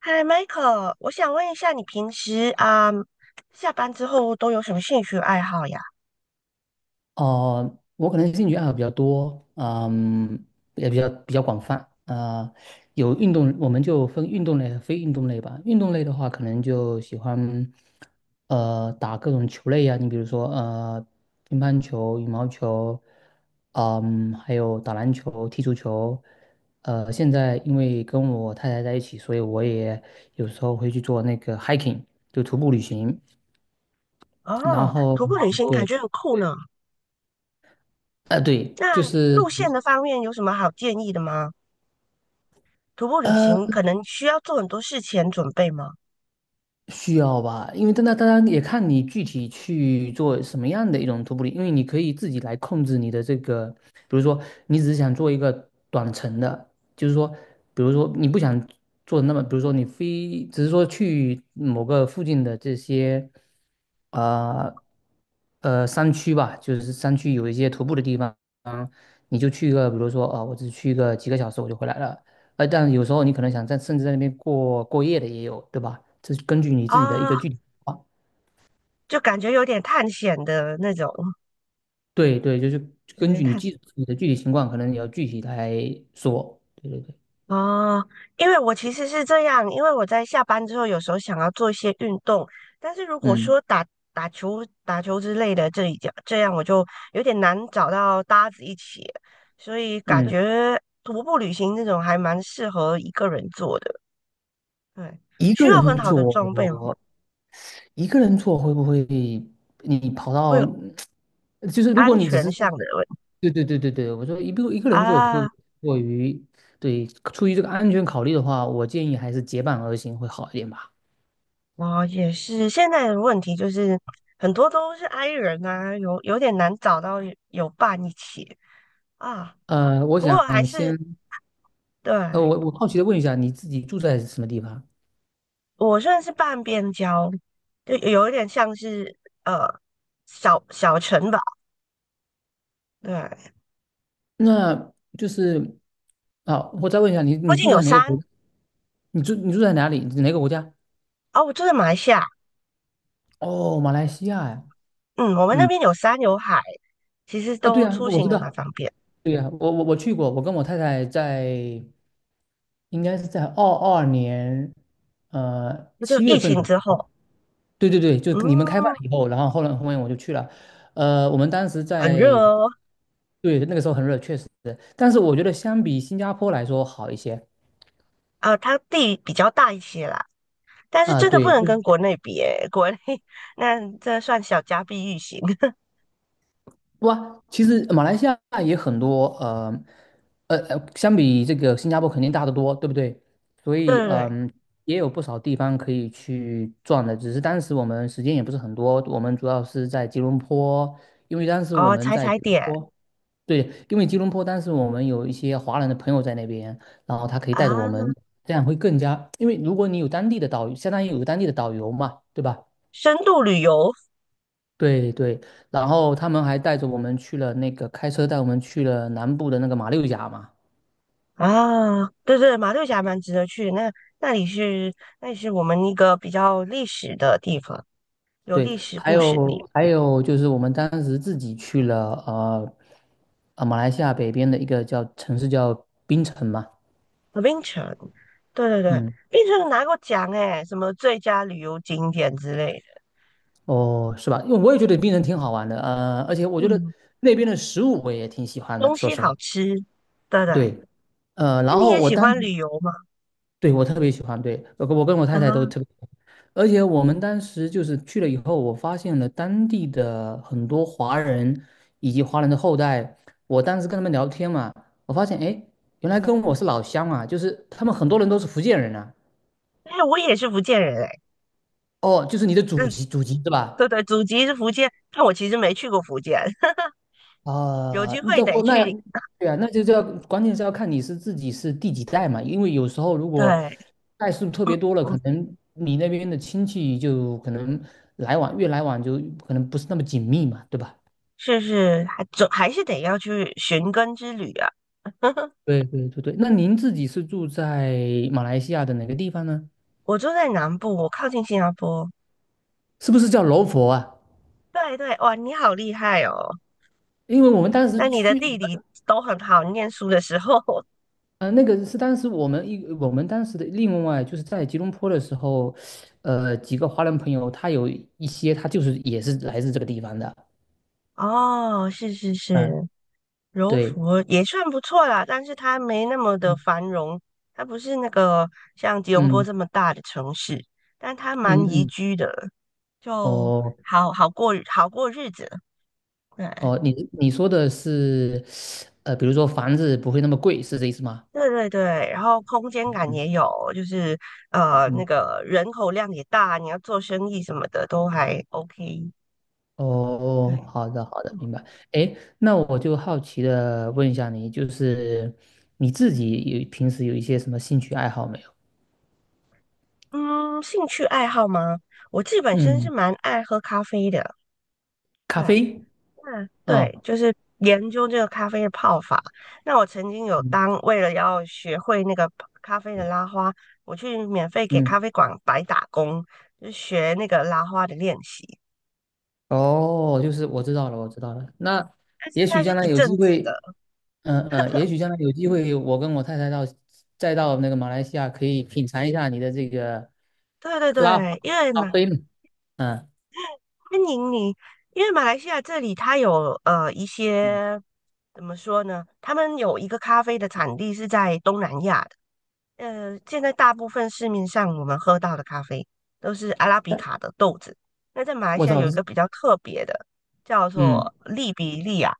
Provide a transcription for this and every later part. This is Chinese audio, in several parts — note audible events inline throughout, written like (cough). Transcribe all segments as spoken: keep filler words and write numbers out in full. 嗨，Michael，我想问一下，你平时啊、下班之后都有什么兴趣爱好呀？哦，我可能兴趣爱好比较多，嗯，也比较比较广泛啊、呃有运动，我们就分运动类和非运动类吧。运动类的话，可能就喜欢呃打各种球类呀、你比如说呃乒乓球、羽毛球，嗯，还有打篮球、踢足球。呃，现在因为跟我太太在一起，所以我也有时候会去做那个 hiking,就徒步旅行。然哦，后徒步旅行感对，觉很酷呢。呃，对，就那是。路线的方面有什么好建议的吗？徒步旅呃。行可能需要做很多事前准备吗？需要吧，因为但那当然也看你具体去做什么样的一种徒步旅，因为你可以自己来控制你的这个，比如说你只是想做一个短程的，就是说，比如说你不想做那么，比如说你非只是说去某个附近的这些，呃呃山区吧，就是山区有一些徒步的地方，你就去一个，比如说啊、我只去一个几个小时我就回来了，呃，但有时候你可能想在甚至在那边过过夜的也有，对吧？这是根据你自己的一啊、个具体情况。就感觉有点探险的那种。对对，就是根嗯，据你探具你的具体情况，可能你要具体来说。对对对，哦，因为我其实是这样，因为我在下班之后有时候想要做一些运动，但是如果嗯说打打球、打球之类的，这一家这样我就有点难找到搭子一起，所以感嗯，觉徒步旅行这种还蛮适合一个人做的。对，一需个要很人好的装备吗？做，一个人做会不会你跑会到，有就是如果安你只全是在，上的问题对对对对对，我说一个一个人做会啊。过于，对，出于这个安全考虑的话，我建议还是结伴而行会好一点吧。我也是，现在的问题就是很多都是 i 人啊，有有点难找到有伴一起啊。呃，我不过想还是。先。呃，对，我我好奇的问一下，你自己住在什么地方？我算是半边郊，就有一点像是呃小小城堡。对，那就是啊，我再问一下你，附你近住有在哪个山。国？你住你住在哪里？哪个国家？哦，我住在马来西亚。哦，马来西亚呀。嗯，我们那嗯，边有山有海，其实啊，对都呀，出我行知的蛮道。方便。对呀，我我我去过，我跟我太太在应该是在二二年呃就七月疫份情的时之后。候，对对对，就你们开放嗯，了以后，然后后来后面我就去了。呃，我们当时很热在哦。对那个时候很热，确实，但是我觉得相比新加坡来说好一些。啊、它地比较大一些啦，但是啊，真的不对，能跟国内比诶，国内 (laughs) 那这算小家碧玉型。(laughs) 哇，其实马来西亚也很多，呃，呃，呃相比这个新加坡肯定大得多，对不对？所对以，对对。嗯、也有不少地方可以去转的，只是当时我们时间也不是很多，我们主要是在吉隆坡，因为当时我哦，们踩在吉踩隆点坡，对，因为吉隆坡当时我们有一些华人的朋友在那边，然后他可以带着我啊，们，这样会更加，因为如果你有当地的导游，相当于有个当地的导游嘛，对吧？深度旅游对对，然后他们还带着我们去了那个开车带我们去了南部的那个马六甲嘛，啊。对对，马六甲蛮值得去的。那那里是那里是我们一个比较历史的地方，有对，历史还故事地。有还有就是我们当时自己去了呃呃马来西亚北边的一个叫城市叫槟城嘛，呃槟城，对对对，嗯，槟城拿过奖诶，什么最佳旅游景点之类的。哦是吧？因为我也觉得槟城挺好玩的，呃，而且我觉得嗯，那边的食物我也挺喜欢的，东说西实话，好吃，对对。对，呃，那然你后也我喜当欢时旅游吗？对，我特别喜欢，对，我跟我跟我太啊，太都特别喜欢，而且我们当时就是去了以后，我发现了当地的很多华人以及华人的后代。我当时跟他们聊天嘛，我发现，哎，诶原来跟我是老乡啊，就是他们很多人都是福建人啊。哎，我也是福建人诶。哦，就是你的祖嗯，籍，祖籍是对吧？对，祖籍是福建，但我其实没去过福建。(laughs) 有啊，机会那得国那去。对啊，那就叫关键是要看你是自己是第几代嘛，因为有时候如果对，代数特嗯别多了，嗯，可能你那边的亲戚就可能来往越来往就可能不是那么紧密嘛，对吧？是是，还总还是得要去寻根之旅啊。对对对对，那您自己是住在马来西亚的哪个地方呢？我住在南部，我靠近新加坡。是不是叫柔佛啊？对对，哇，你好厉害哦！因为我们当时那你的去地理都很好，念书的时候。(laughs) 嗯，那个是当时我们一我们当时的另外就是在吉隆坡的时候，呃，几个华人朋友，他有一些他就是也是来自这个地方的，哦，是是是，嗯，柔对，佛也算不错啦，但是它没那么的嗯繁荣，它不是那个像吉隆坡嗯这么大的城市，但它嗯蛮宜嗯，居的，就哦好好过好过日子。对，哦，你你说的是呃，比如说房子不会那么贵，是这意思吗？对对对，然后空间感嗯也有，就是呃那嗯，个人口量也大，你要做生意什么的都还 OK。哦，对，好的好的，明白。哎，那我就好奇的问一下你，就是你自己有平时有一些什么兴趣爱好没有？嗯，嗯兴趣爱好吗？我自己本身是嗯，蛮爱喝咖啡的。咖对，啡。那哦对，就是研究这个咖啡的泡法。那我曾经有当为了要学会那个咖啡的拉花，我去免费给咖嗯，啡馆白打工，就学那个拉花的练习。哦，就是我知道了，我知道了。那但是也那许是将来一有阵机子的。会，嗯、嗯、也许将来有机会，我跟我太太到再到那个马来西亚，可以品尝一下你的这个对对拉花对，因为咖嘛。啡呢。嗯，欢迎你，因为马来西亚这里它有呃一些，怎么说呢？他们有一个咖啡的产地是在东南亚的。呃，现在大部分市面上我们喝到的咖啡都是阿拉比卡的豆子。那在马来我西亚操，有一这是个比较特别的，叫嗯，做利比利亚、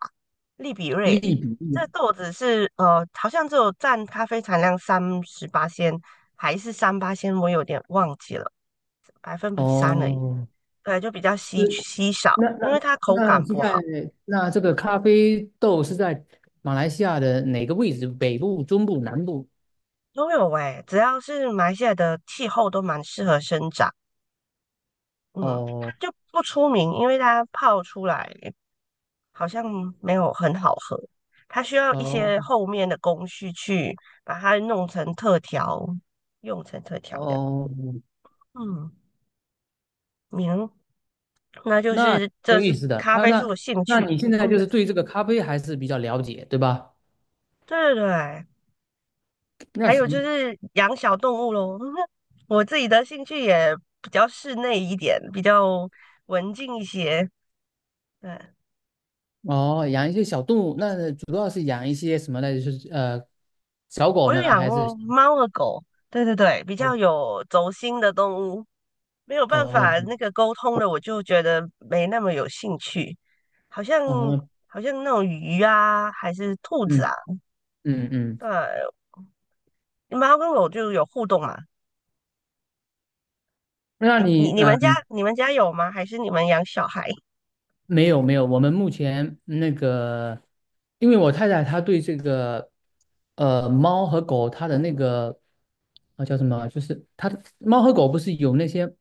利比瑞。利比利亚。这豆子是呃，好像只有占咖啡产量三十八仙，还是三八仙，我有点忘记了，百分比三而已。哦，对，就比较是稀稀少，那因那为它口那感是不在好。那这个咖啡豆是在马来西亚的哪个位置？北部、中部、南部？都有诶、只要是马来西亚的气候都蛮适合生长。嗯，它哦就不出名，因为它泡出来好像没有很好喝，它需要一哦些后面的工序去把它弄成特调，用成特调这样。哦，嗯，明，那就那是有这意是思的，咖那啡是那我兴那趣。你现嗯，在就是对这个咖啡还是比较了解，对吧？对对对。那还有就行，是养小动物咯。(laughs) 我自己的兴趣也比较室内一点，比较文静一些。对，哦，养一些小动物，那主要是养一些什么呢？就是呃，小我狗有呢，养还是过小猫和狗。对对对，比较猫有轴心的动物，没有办法哦那个沟通的，我就觉得没那么有兴趣。好像哦哦，好像那种鱼啊，还是兔子嗯啊。嗯嗯，对，猫跟狗就有互动嘛。那你你你你呃们家你们家有吗？还是你们养小孩？没有没有，我们目前那个，因为我太太她对这个，呃，猫和狗它的那个，啊叫什么？就是它的猫和狗不是有那些，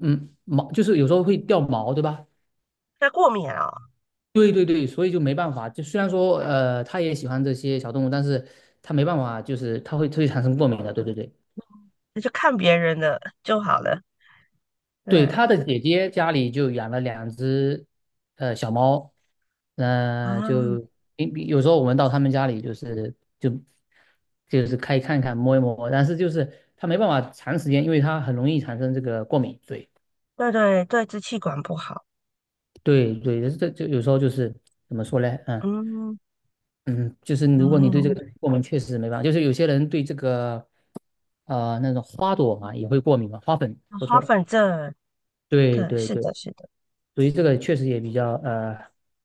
嗯，毛就是有时候会掉毛，对吧？它过敏啊、对对对，所以就没办法。就虽然说，呃，她也喜欢这些小动物，但是她没办法，就是它会它会产生过敏的。对对对。那就看别人的就好了。对，对他的姐姐家里就养了两只呃小猫，呃，啊，就因有时候我们到他们家里就是就就是可以看看摸一摸，但是就是他没办法长时间，因为他很容易产生这个过敏。对对对对，支气管不好。对对，这就有时候就是怎么说呢？嗯嗯嗯，就是如果你对这嗯，个过敏，确实没办法。就是有些人对这个呃那种花朵嘛也会过敏嘛，花粉说花错了。粉症，对对，对是对的，是的，所以这个确实也比较呃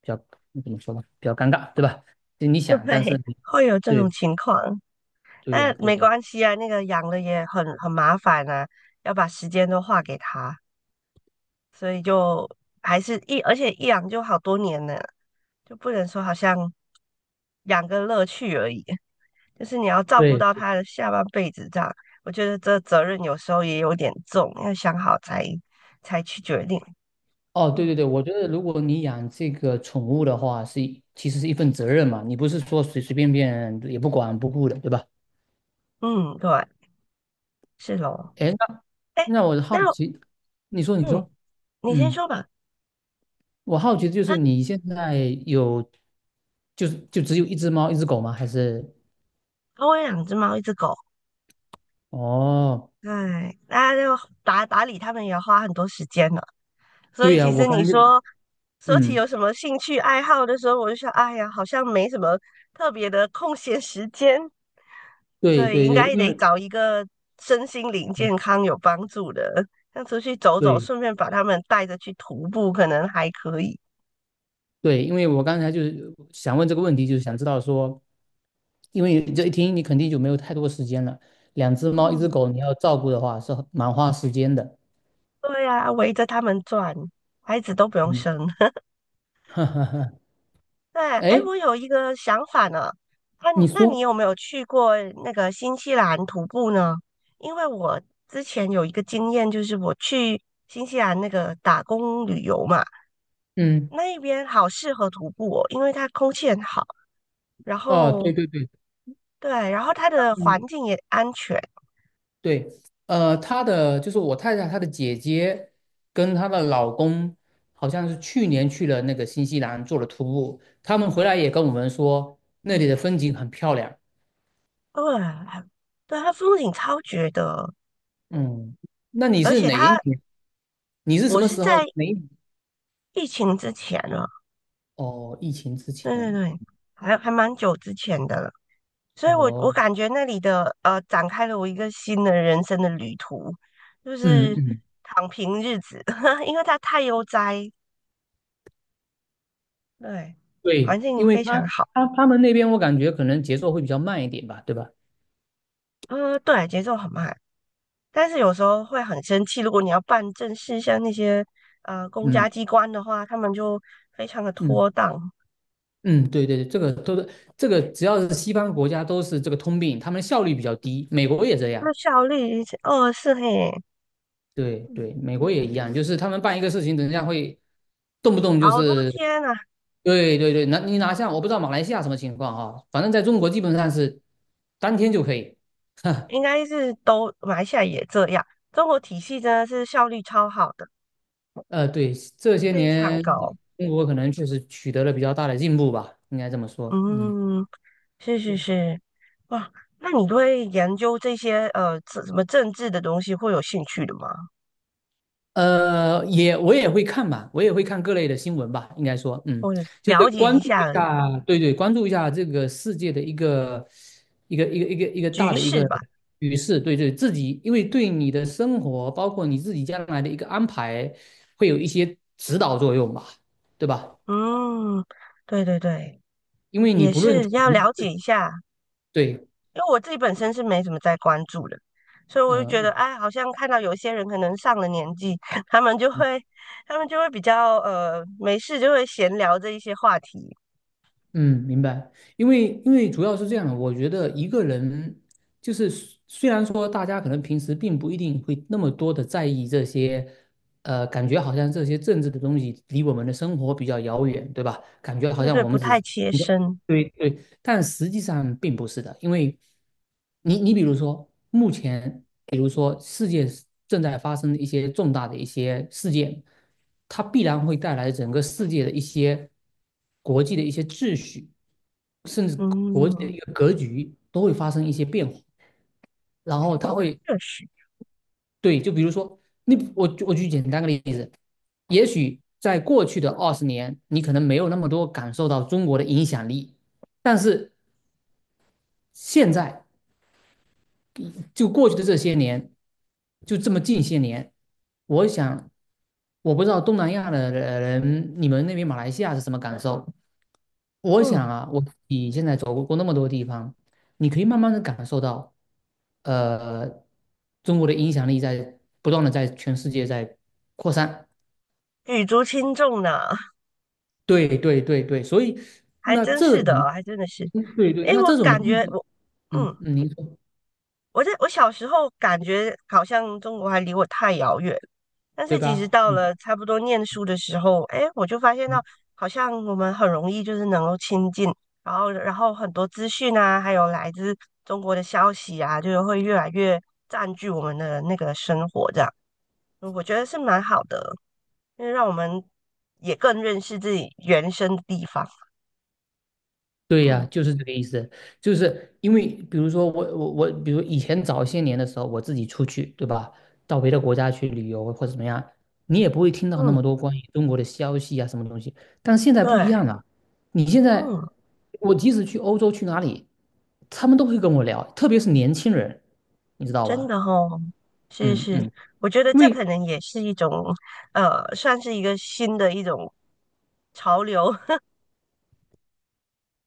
比较怎么说呢，比较尴尬，对吧？就你对，想，但是 (laughs) 你会有这种对情况。对呀、那对没呀、关系啊，那个养了也很很麻烦啊，要把时间都花给他，所以就还是一，而且一养就好多年呢，就不能说好像养个乐趣而已，就是你要照顾对到他的下半辈子这样，我觉得这责任有时候也有点重，要想好才才去决定。哦，对对对，嗯我觉得如果你养这个宠物的话，是一其实是一份责任嘛，你不是说随随便便也不管不顾的，对吧？嗯，对，是咯。哎，那哎，那我那好奇，你说你嗯，说，你先嗯，说吧。我好奇的就是那你现在有就是就只有一只猫一只狗吗？还是我有养只猫，一只狗。哦，哎，那就打打理它们也要花很多时间呢。所对以呀、其我实刚你才就说说起嗯，有什么兴趣爱好的时候，我就想，哎呀，好像没什么特别的空闲时间，对所以对应对，该因得为找一个身心灵健嗯康有帮助的，像出去走走，对。顺便把他们带着去徒步，可能还可以。对，因为我刚才就是想问这个问题，就是想知道说，因为这一听你肯定就没有太多时间了，两只猫一只嗯。狗你要照顾的话是很蛮花时间的。对呀、围着他们转，孩子都不用嗯，生。(laughs) (laughs) 哈哈哈。对，哎，哎，我有一个想法呢。那你那你说，有没有去过那个新西兰徒步呢？因为我之前有一个经验，就是我去新西兰那个打工旅游嘛，嗯，那一边好适合徒步哦，因为它空气很好。然哦，对后对对，对，然后它的环嗯，境也安全。对，呃，她的就是我太太她的姐姐跟她的老公好像是去年去了那个新西兰做了徒步，他们回来也跟我们说那里的风景很漂亮。对，对，它风景超绝的。嗯，那你而是且它哪一年？你是什我么是时在候？哪一年？疫情之前呢。哦，疫情之对前。对对，还还蛮久之前的了，所以我我哦，感觉那里的呃，展开了我一个新的人生的旅途，就嗯是嗯，躺平日子。(laughs) 因为它太悠哉，对，对，环境因为非他常好。他他们那边我感觉可能节奏会比较慢一点吧，对吧？呃，对，节奏很慢，但是有时候会很生气，如果你要办正事，像那些呃公家嗯机关的话，他们就非常的嗯拖档。嗯，对对对，这个都是这个，只要是西方国家都是这个通病，他们效率比较低，美国也这样。那效率哦是嘿，对对，美国也一样，就是他们办一个事情，人家会动不动就好多是，天啊。对对对，拿你拿下，我不知道马来西亚什么情况啊，反正在中国基本上是当天就可以。(laughs) 应该是都马来西亚也这样。中国体系真的是效率超好的，呃，对，这些非常年高。中国可能确实取得了比较大的进步吧，应该这么说。嗯，嗯，是是是，哇，那你对研究这些呃这什么政治的东西会有兴趣的吗？呃，也我也会看吧，我也会看各类的新闻吧，应该说，嗯，我就是了解关一注下一而已下，对对，关注一下这个世界的一个一个一个一个一个大局的一势个吧。局势，对对，自己因为对你的生活，包括你自己将来的一个安排，会有一些指导作用吧，对吧？嗯，对对对，因为你也不论从是要了解一下。对，因为我自己本身是没怎么在关注的，所以我就觉得，嗯、哎，好像看到有一些人可能上了年纪。(laughs) 他们就会，他们就会比较呃没事就会闲聊这一些话题。嗯，明白。因为因为主要是这样的，我觉得一个人就是虽虽然说大家可能平时并不一定会那么多的在意这些，呃，感觉好像这些政治的东西离我们的生活比较遥远，对吧？感觉好对不像对？我不们只太是切一个身。对对，但实际上并不是的，因为你你比如说，目前比如说世界正在发生一些重大的一些事件，它必然会带来整个世界的一些国际的一些秩序，甚至国际的嗯，一个格局都会发生一些变化。然后它会确实。对，就比如说，你我我举简单的例子，也许在过去的二十年，你可能没有那么多感受到中国的影响力，但是现在就过去的这些年，就这么近些年，我想，我不知道东南亚的人，你们那边马来西亚是什么感受？我想嗯，啊，我你现在走过那么多地方，你可以慢慢的感受到，呃，中国的影响力在不断的在全世界在扩散。举足轻重呢，对对对对，所以还那真这是的种，哦，还真的是。嗯，对对，诶，那我这种感东觉西，我，嗯嗯，嗯，您说我在我小时候感觉好像中国还离我太遥远，但对是其实吧？到嗯了差不多念书的时候，哎，我就发现到嗯。好像我们很容易就是能够亲近，然后然后很多资讯啊，还有来自中国的消息啊，就是会越来越占据我们的那个生活，这样嗯我觉得是蛮好的，因为让我们也更认识自己原生的地方。对呀，嗯就是这个意思，就是因为比如说我我我，比如以前早些年的时候，我自己出去，对吧？到别的国家去旅游或者怎么样，你也不会听到那嗯，么多关于中国的消息啊，什么东西。但是现在不一对，样了，你现嗯。在我即使去欧洲去哪里，他们都会跟我聊，特别是年轻人，你知道真吧？的哦，是嗯是，嗯，我觉得因这为可能也是一种，呃，算是一个新的一种潮流。(laughs)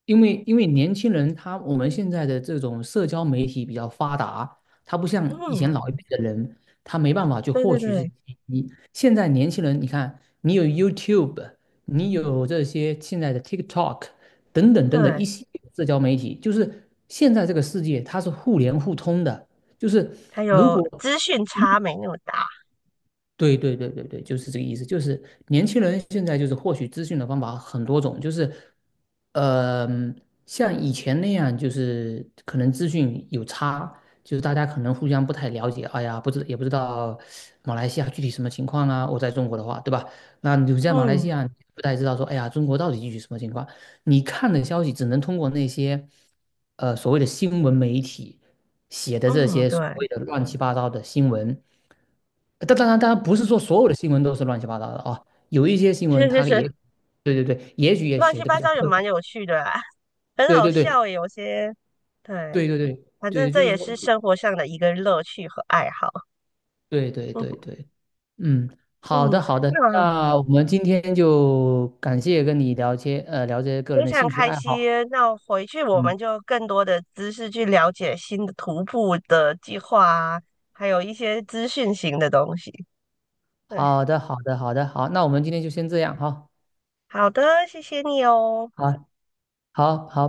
因为因为年轻人他我们现在的这种社交媒体比较发达，他不像以前嗯，老一辈的人，他没办法去对获对取信对息。现在年轻人，你看，你有 YouTube，你有这些现在的 TikTok 等等等等对，一系列的社交媒体，就是现在这个世界它是互联互通的，就是还如有果资讯差没那么大。对对对对对，就是这个意思。就是年轻人现在就是获取资讯的方法很多种，就是，呃，像以前那样，就是可能资讯有差，就是大家可能互相不太了解。哎呀，不知也不知道马来西亚具体什么情况啊。我在中国的话，对吧？那你在马来西嗯亚你不太知道说，哎呀，中国到底具体什么情况？你看的消息只能通过那些，呃，所谓的新闻媒体写的这嗯，些所对，谓的乱七八糟的新闻。当当然，当然不是嗯，说所有的新闻都是乱七八糟的啊，有一些新闻是是它也，是，对对对，也许也乱写七的比八较糟也客蛮观，有趣的啊 (laughs) 很对好对对笑耶有些。对，对对对反正对，就这是也说，是生活上的一个乐趣和爱好。对对 (laughs) 嗯对对，嗯，好嗯，的好的，那。那我们今天就感谢跟你聊些呃聊这些个非人的常兴趣开爱好，心。那回去我嗯，们就更多的知识去了解新的徒步的计划啊，还有一些资讯型的东西。对，好的好的好的好，那我们今天就先这样哈，好的，谢谢你哦。好好好，拜。